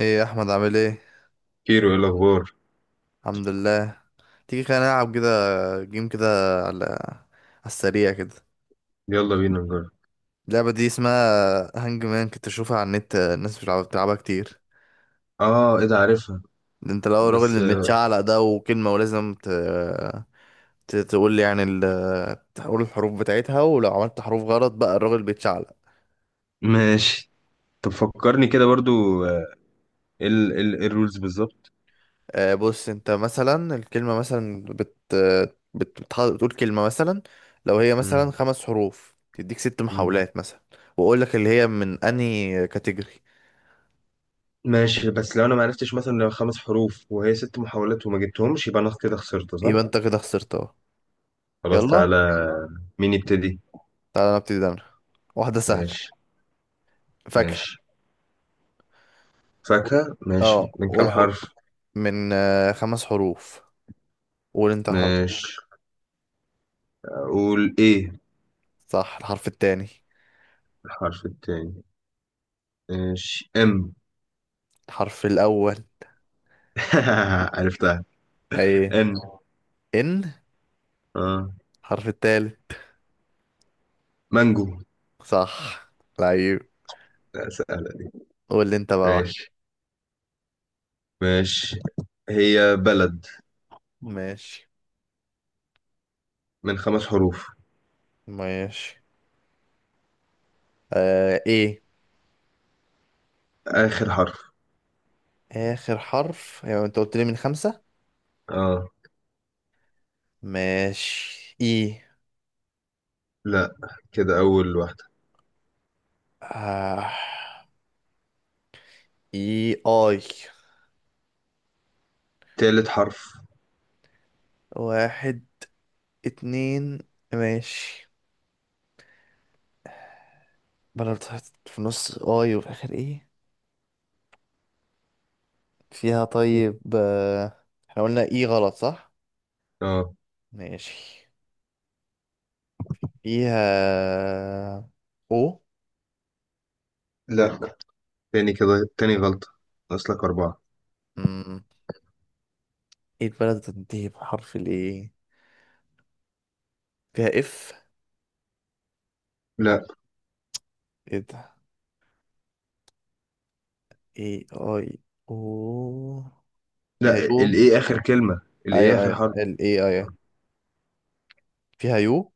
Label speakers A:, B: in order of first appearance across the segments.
A: ايه يا احمد؟ عامل ايه؟
B: كيرو، ايه الاخبار؟
A: الحمد لله. تيجي خلينا نلعب كده، جيم كده، على السريع كده.
B: يلا بينا نجرب.
A: اللعبه دي اسمها هانج مان، كنت اشوفها على النت، الناس مش بتلعب- بتلعبها كتير.
B: اه، ايه ده؟ عارفها.
A: ده انت لو الراجل
B: بس
A: اللي متشعلق ده وكلمه ولازم تقول لي، يعني تقول الحروف بتاعتها، ولو عملت حروف غلط بقى الراجل بيتشعلق.
B: ماشي. طب فكرني كده برضو. آه، إيه الرولز بالظبط؟
A: آه، بص انت مثلا الكلمة مثلا بتقول كلمة مثلا، لو هي
B: مم.
A: مثلا خمس حروف تديك ست
B: مم.
A: محاولات مثلا، واقول لك اللي هي من انهي كاتيجوري.
B: ماشي، بس لو انا ما عرفتش، مثلا لو 5 حروف وهي 6 محاولات وما جبتهمش، يبقى انا كده خسرت، صح؟
A: يبقى انت كده خسرت اهو.
B: خلاص
A: يلا،
B: تعالى. مين يبتدي؟
A: تعالى نبتدي ده. واحدة سهلة،
B: ماشي.
A: فاكهة.
B: ماشي. فاكهة؟ ماشي.
A: اه،
B: من
A: قول
B: كام
A: حرف.
B: حرف؟
A: من آه، خمس حروف. قول انت حرف.
B: ماشي. اقول ايه؟
A: صح، الحرف التاني.
B: الحرف التاني. ماشي.
A: الحرف الاول.
B: عرفتها.
A: ايه؟
B: ان.
A: ان.
B: اه.
A: الحرف التالت.
B: مانجو.
A: صح، لعيب.
B: لا، سهلة.
A: قول لي انت بقى واحد.
B: ماشي. ماشي. هي بلد.
A: ماشي.
B: من 5 حروف.
A: ماشي آه ايه.
B: آخر حرف.
A: اخر حرف؟ يعني انت قلت لي من خمسة.
B: اه.
A: ماشي ايه.
B: لا، كده أول واحدة.
A: آه. ايه اي.
B: تالت حرف.
A: واحد، اتنين. ماشي. بلد في النص اي وفي اخر ايه. فيها طيب آه. احنا قلنا ايه غلط، صح؟
B: اه.
A: ماشي. فيها او.
B: لا. تاني كده. تاني غلطة. أصلك أربعة.
A: مم. ايه البلد بتنتهي بحرف الايه. فيها اف.
B: لا،
A: ايه ده؟ ايه اي. او. فيها
B: لا
A: يو.
B: الإيه آخر كلمة، الإيه
A: ايوه
B: آخر
A: ايوه،
B: حرف.
A: ال اي اي. فيها يو.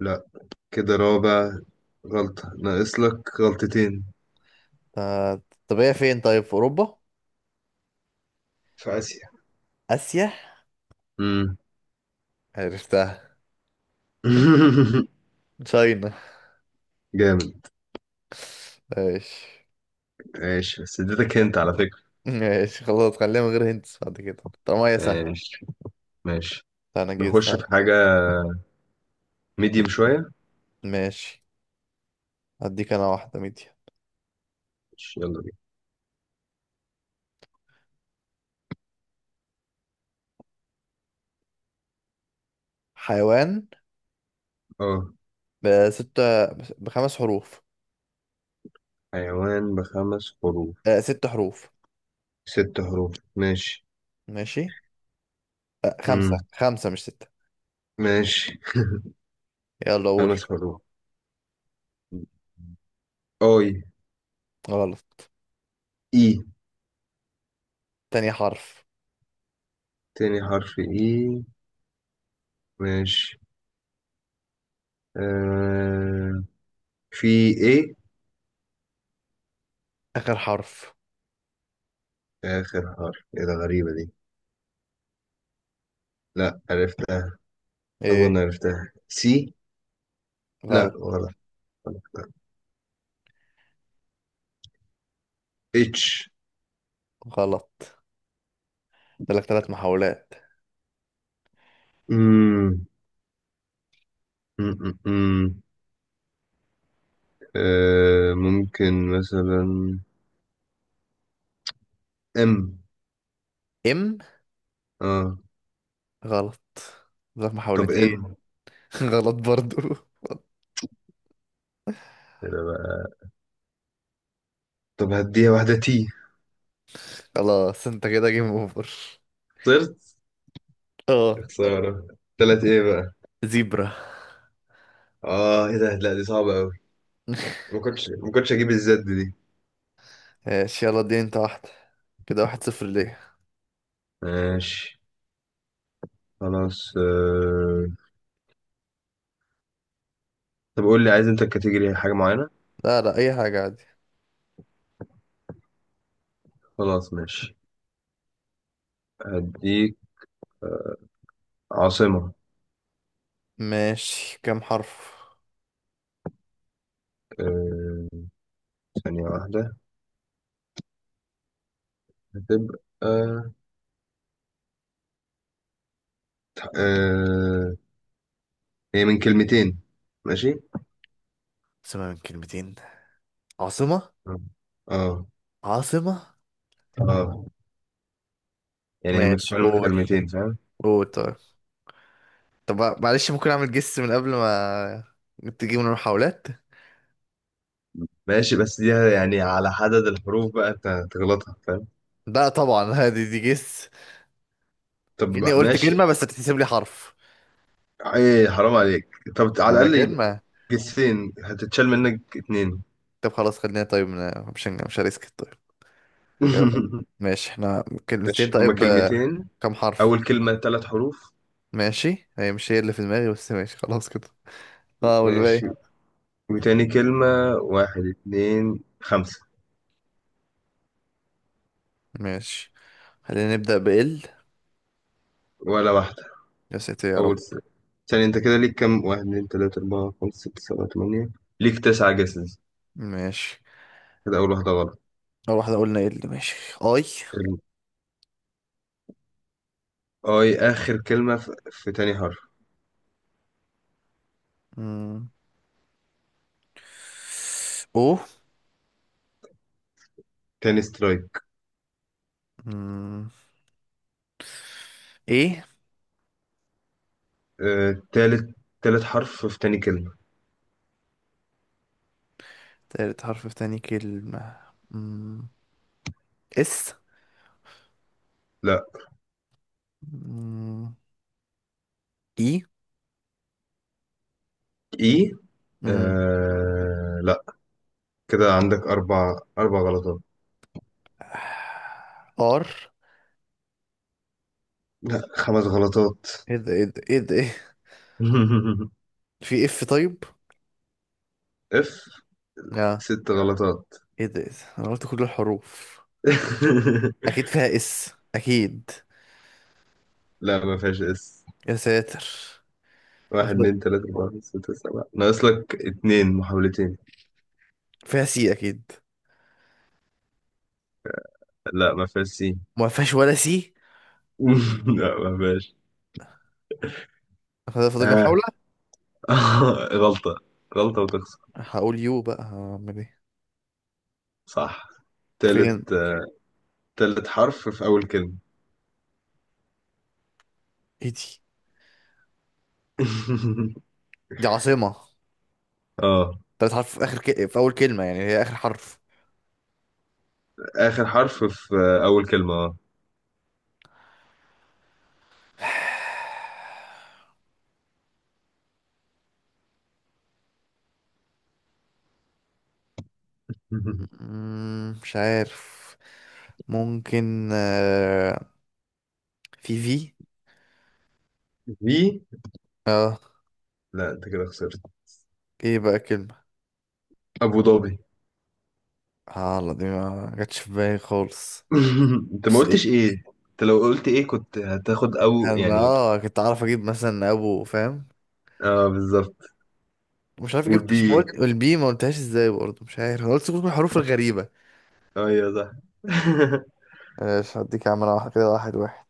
B: لا، كده رابع غلطة. ناقص لك غلطتين.
A: آه، طب هي فين؟ طيب في اوروبا؟
B: في آسيا.
A: اسيا.
B: مم.
A: عرفتها، تشاينا.
B: جامد.
A: ماشي.
B: ماشي، بس اديتك انت على فكرة.
A: ماشي خلاص، خليها من غير هنتس بعد كده طالما هي سهلة.
B: ماشي. ماشي.
A: انا جيت
B: نخش
A: استنى.
B: في حاجة ميديم شوية.
A: ماشي، هديك انا واحدة ميديا.
B: ماشي، يلا بينا.
A: حيوان.
B: اه،
A: بستة، بخمس حروف.
B: حيوان بـ5 حروف.
A: آه ست حروف.
B: 6 حروف ماشي.
A: ماشي. آه،
B: امم.
A: خمسة خمسة مش ستة.
B: ماشي.
A: يلا قول.
B: 5 حروف. اي.
A: غلط.
B: اي.
A: تاني حرف.
B: تاني حرف. اي. ماشي. آه. في. ايه.
A: آخر حرف.
B: اخر حرف. ايه ده؟ غريبة دي. لا، عرفتها. اظن
A: ايه؟
B: عرفتها، سي. لا،
A: غلط.
B: غلط. غلط. اتش.
A: غلط. لك ثلاث محاولات.
B: امم أمم. آه، ممكن مثلا. ام
A: ام.
B: اه.
A: غلط، لك
B: طب
A: محاولتين.
B: ان.
A: غلط برضو.
B: كده بقى. طب هديها واحدة، تي.
A: خلاص انت كده جيم اوفر.
B: طرت. يا
A: اه،
B: خسارة. تلات ايه بقى؟
A: زيبرا.
B: اه، ايه ده؟ لا دي صعبة اوي. ما كنتش اجيب الزد دي.
A: ماشي، يلا اديني انت واحدة. كده واحد صفر ليه.
B: ماشي. خلاص طب قول لي، عايز انت الكاتيجوري حاجة معينة؟
A: لا لا، اي حاجة عادي.
B: خلاص ماشي. هديك عاصمة.
A: ماشي، كام حرف؟
B: آه. ثانية واحدة. هتبقى هي من كلمتين. ماشي.
A: عاصمة من كلمتين. عاصمة.
B: اه. اه.
A: عاصمة.
B: آه. يعني هي
A: ماشي
B: متكونة من
A: قول.
B: كلمتين، فاهم؟
A: قول طيب. طب معلش، ممكن اعمل جس من قبل ما تجيب من المحاولات؟
B: ماشي بس دي يعني على عدد الحروف بقى انت هتغلطها، فاهم؟
A: لا طبعا. هذه دي جس،
B: طب
A: كأني قلت
B: ماشي.
A: كلمة بس هتتحسب لي حرف.
B: ايه، حرام عليك. طب على
A: ما هي
B: الاقل
A: كلمة.
B: جسين هتتشال منك اتنين.
A: طب خلاص، خلينا طيب مش هريسك طيب. يلا. ماشي، احنا كلمتين
B: ماشي، هما
A: طيب آه،
B: كلمتين.
A: كم حرف؟
B: اول كلمة 3 حروف.
A: ماشي، هي مش هي اللي في دماغي بس ماشي خلاص كده. اه، والباقي؟
B: ماشي. وتاني كلمة واحد اتنين خمسة.
A: ماشي. خلينا نبدأ بال.
B: ولا واحدة.
A: يا ساتر يا رب.
B: اول سنة. ثاني، انت كده ليك كام؟ واحد اتنين تلاتة اربعة خمسة ستة سبعة تمانية. ليك 9 جسز.
A: ماشي،
B: كده اول واحدة غلط.
A: اول واحدة قلنا ال ماشي. اي.
B: ال-. اي اخر كلمة، في تاني حرف.
A: مم. او.
B: تاني سترايك.
A: مم. ايه.
B: آه، تالت حرف في تاني كلمة.
A: تالت حرف في تاني كلمة. مم. اس.
B: لا.
A: مم. اي.
B: اي.
A: مم.
B: آه لا. كده عندك أربع غلطات.
A: ار.
B: لا، 5 غلطات.
A: ايه ده، ايه ده، ايه ده، ايه. في اف طيب.
B: اف.
A: اه.
B: 6 غلطات.
A: ايه ده، ايه ده، انا قلت كل الحروف. اكيد فيها اس، اكيد.
B: لا، ما فيهاش اس.
A: يا ساتر.
B: واحد
A: مف-
B: اتنين تلاتة أربعة خمسة ستة سبعة. ناقص لك اتنين محاولتين.
A: فيها سي اكيد.
B: لا، ما فيهاش سين.
A: ما فيهاش ولا سي.
B: لا ما فيهاش.
A: فده فاضل لي
B: ها.
A: محاولة.
B: غلطة. غلطة وتخسر.
A: هقول يو بقى، هعمل ايه.
B: صح.
A: فين؟
B: تالت. تالت حرف في أول كلمة.
A: ايه دي؟ دي عاصمة.
B: اه.
A: تلات حرف في اول كلمة، يعني هي اخر حرف.
B: آخر حرف في أول كلمة، اه.
A: مم، مش عارف. ممكن آه، في.
B: في.
A: اه.
B: لا، أنت كده خسرت.
A: ايه بقى كلمة؟
B: أبو ظبي.
A: اه لا، دي ما جاتش في بالي خالص.
B: انت ما
A: بس
B: قلتش
A: إيه،
B: ايه. انت لو قلت ايه كنت هتاخد او،
A: كان
B: يعني.
A: اه، كنت اعرف اجيب مثلا ابو، فاهم؟
B: اه، بالظبط.
A: مش عارف جبتش ما
B: والبي.
A: قلت، والبي ما قلتهاش ازاي برضه، مش عارف، انا قلت كل الحروف الغريبة.
B: ايوه، صح.
A: ماشي، هديك يا عم، انا واحد كده، واحد واحد.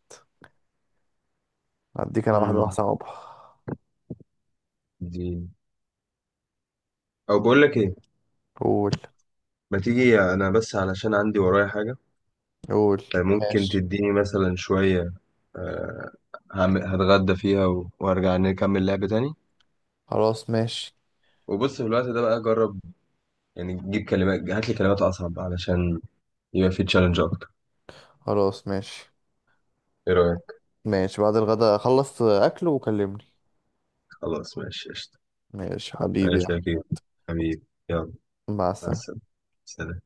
A: هديك انا واحدة واحدة
B: أمم،
A: صعبة.
B: دي. او، بقول لك ايه.
A: قول.
B: ما تيجي انا بس علشان عندي ورايا حاجه.
A: قول.
B: ممكن
A: ماشي.
B: تديني مثلا شويه. آه، هتغدى فيها وارجع نكمل لعب تاني.
A: خلاص ماشي.
B: وبص في الوقت ده بقى جرب، يعني جيب كلمات، هات لي كلمات اصعب، علشان يبقى في تشالنج اكتر.
A: خلاص ماشي.
B: ايه رايك؟
A: ماشي بعد الغداء، خلص اكل وكلمني.
B: خلاص ماشي، قشطة.
A: ماشي حبيبي
B: ماشي
A: يا
B: يا كبير. حبيبي. يلا.
A: عم. مع
B: مع
A: السلامة.
B: السلامة. سلام.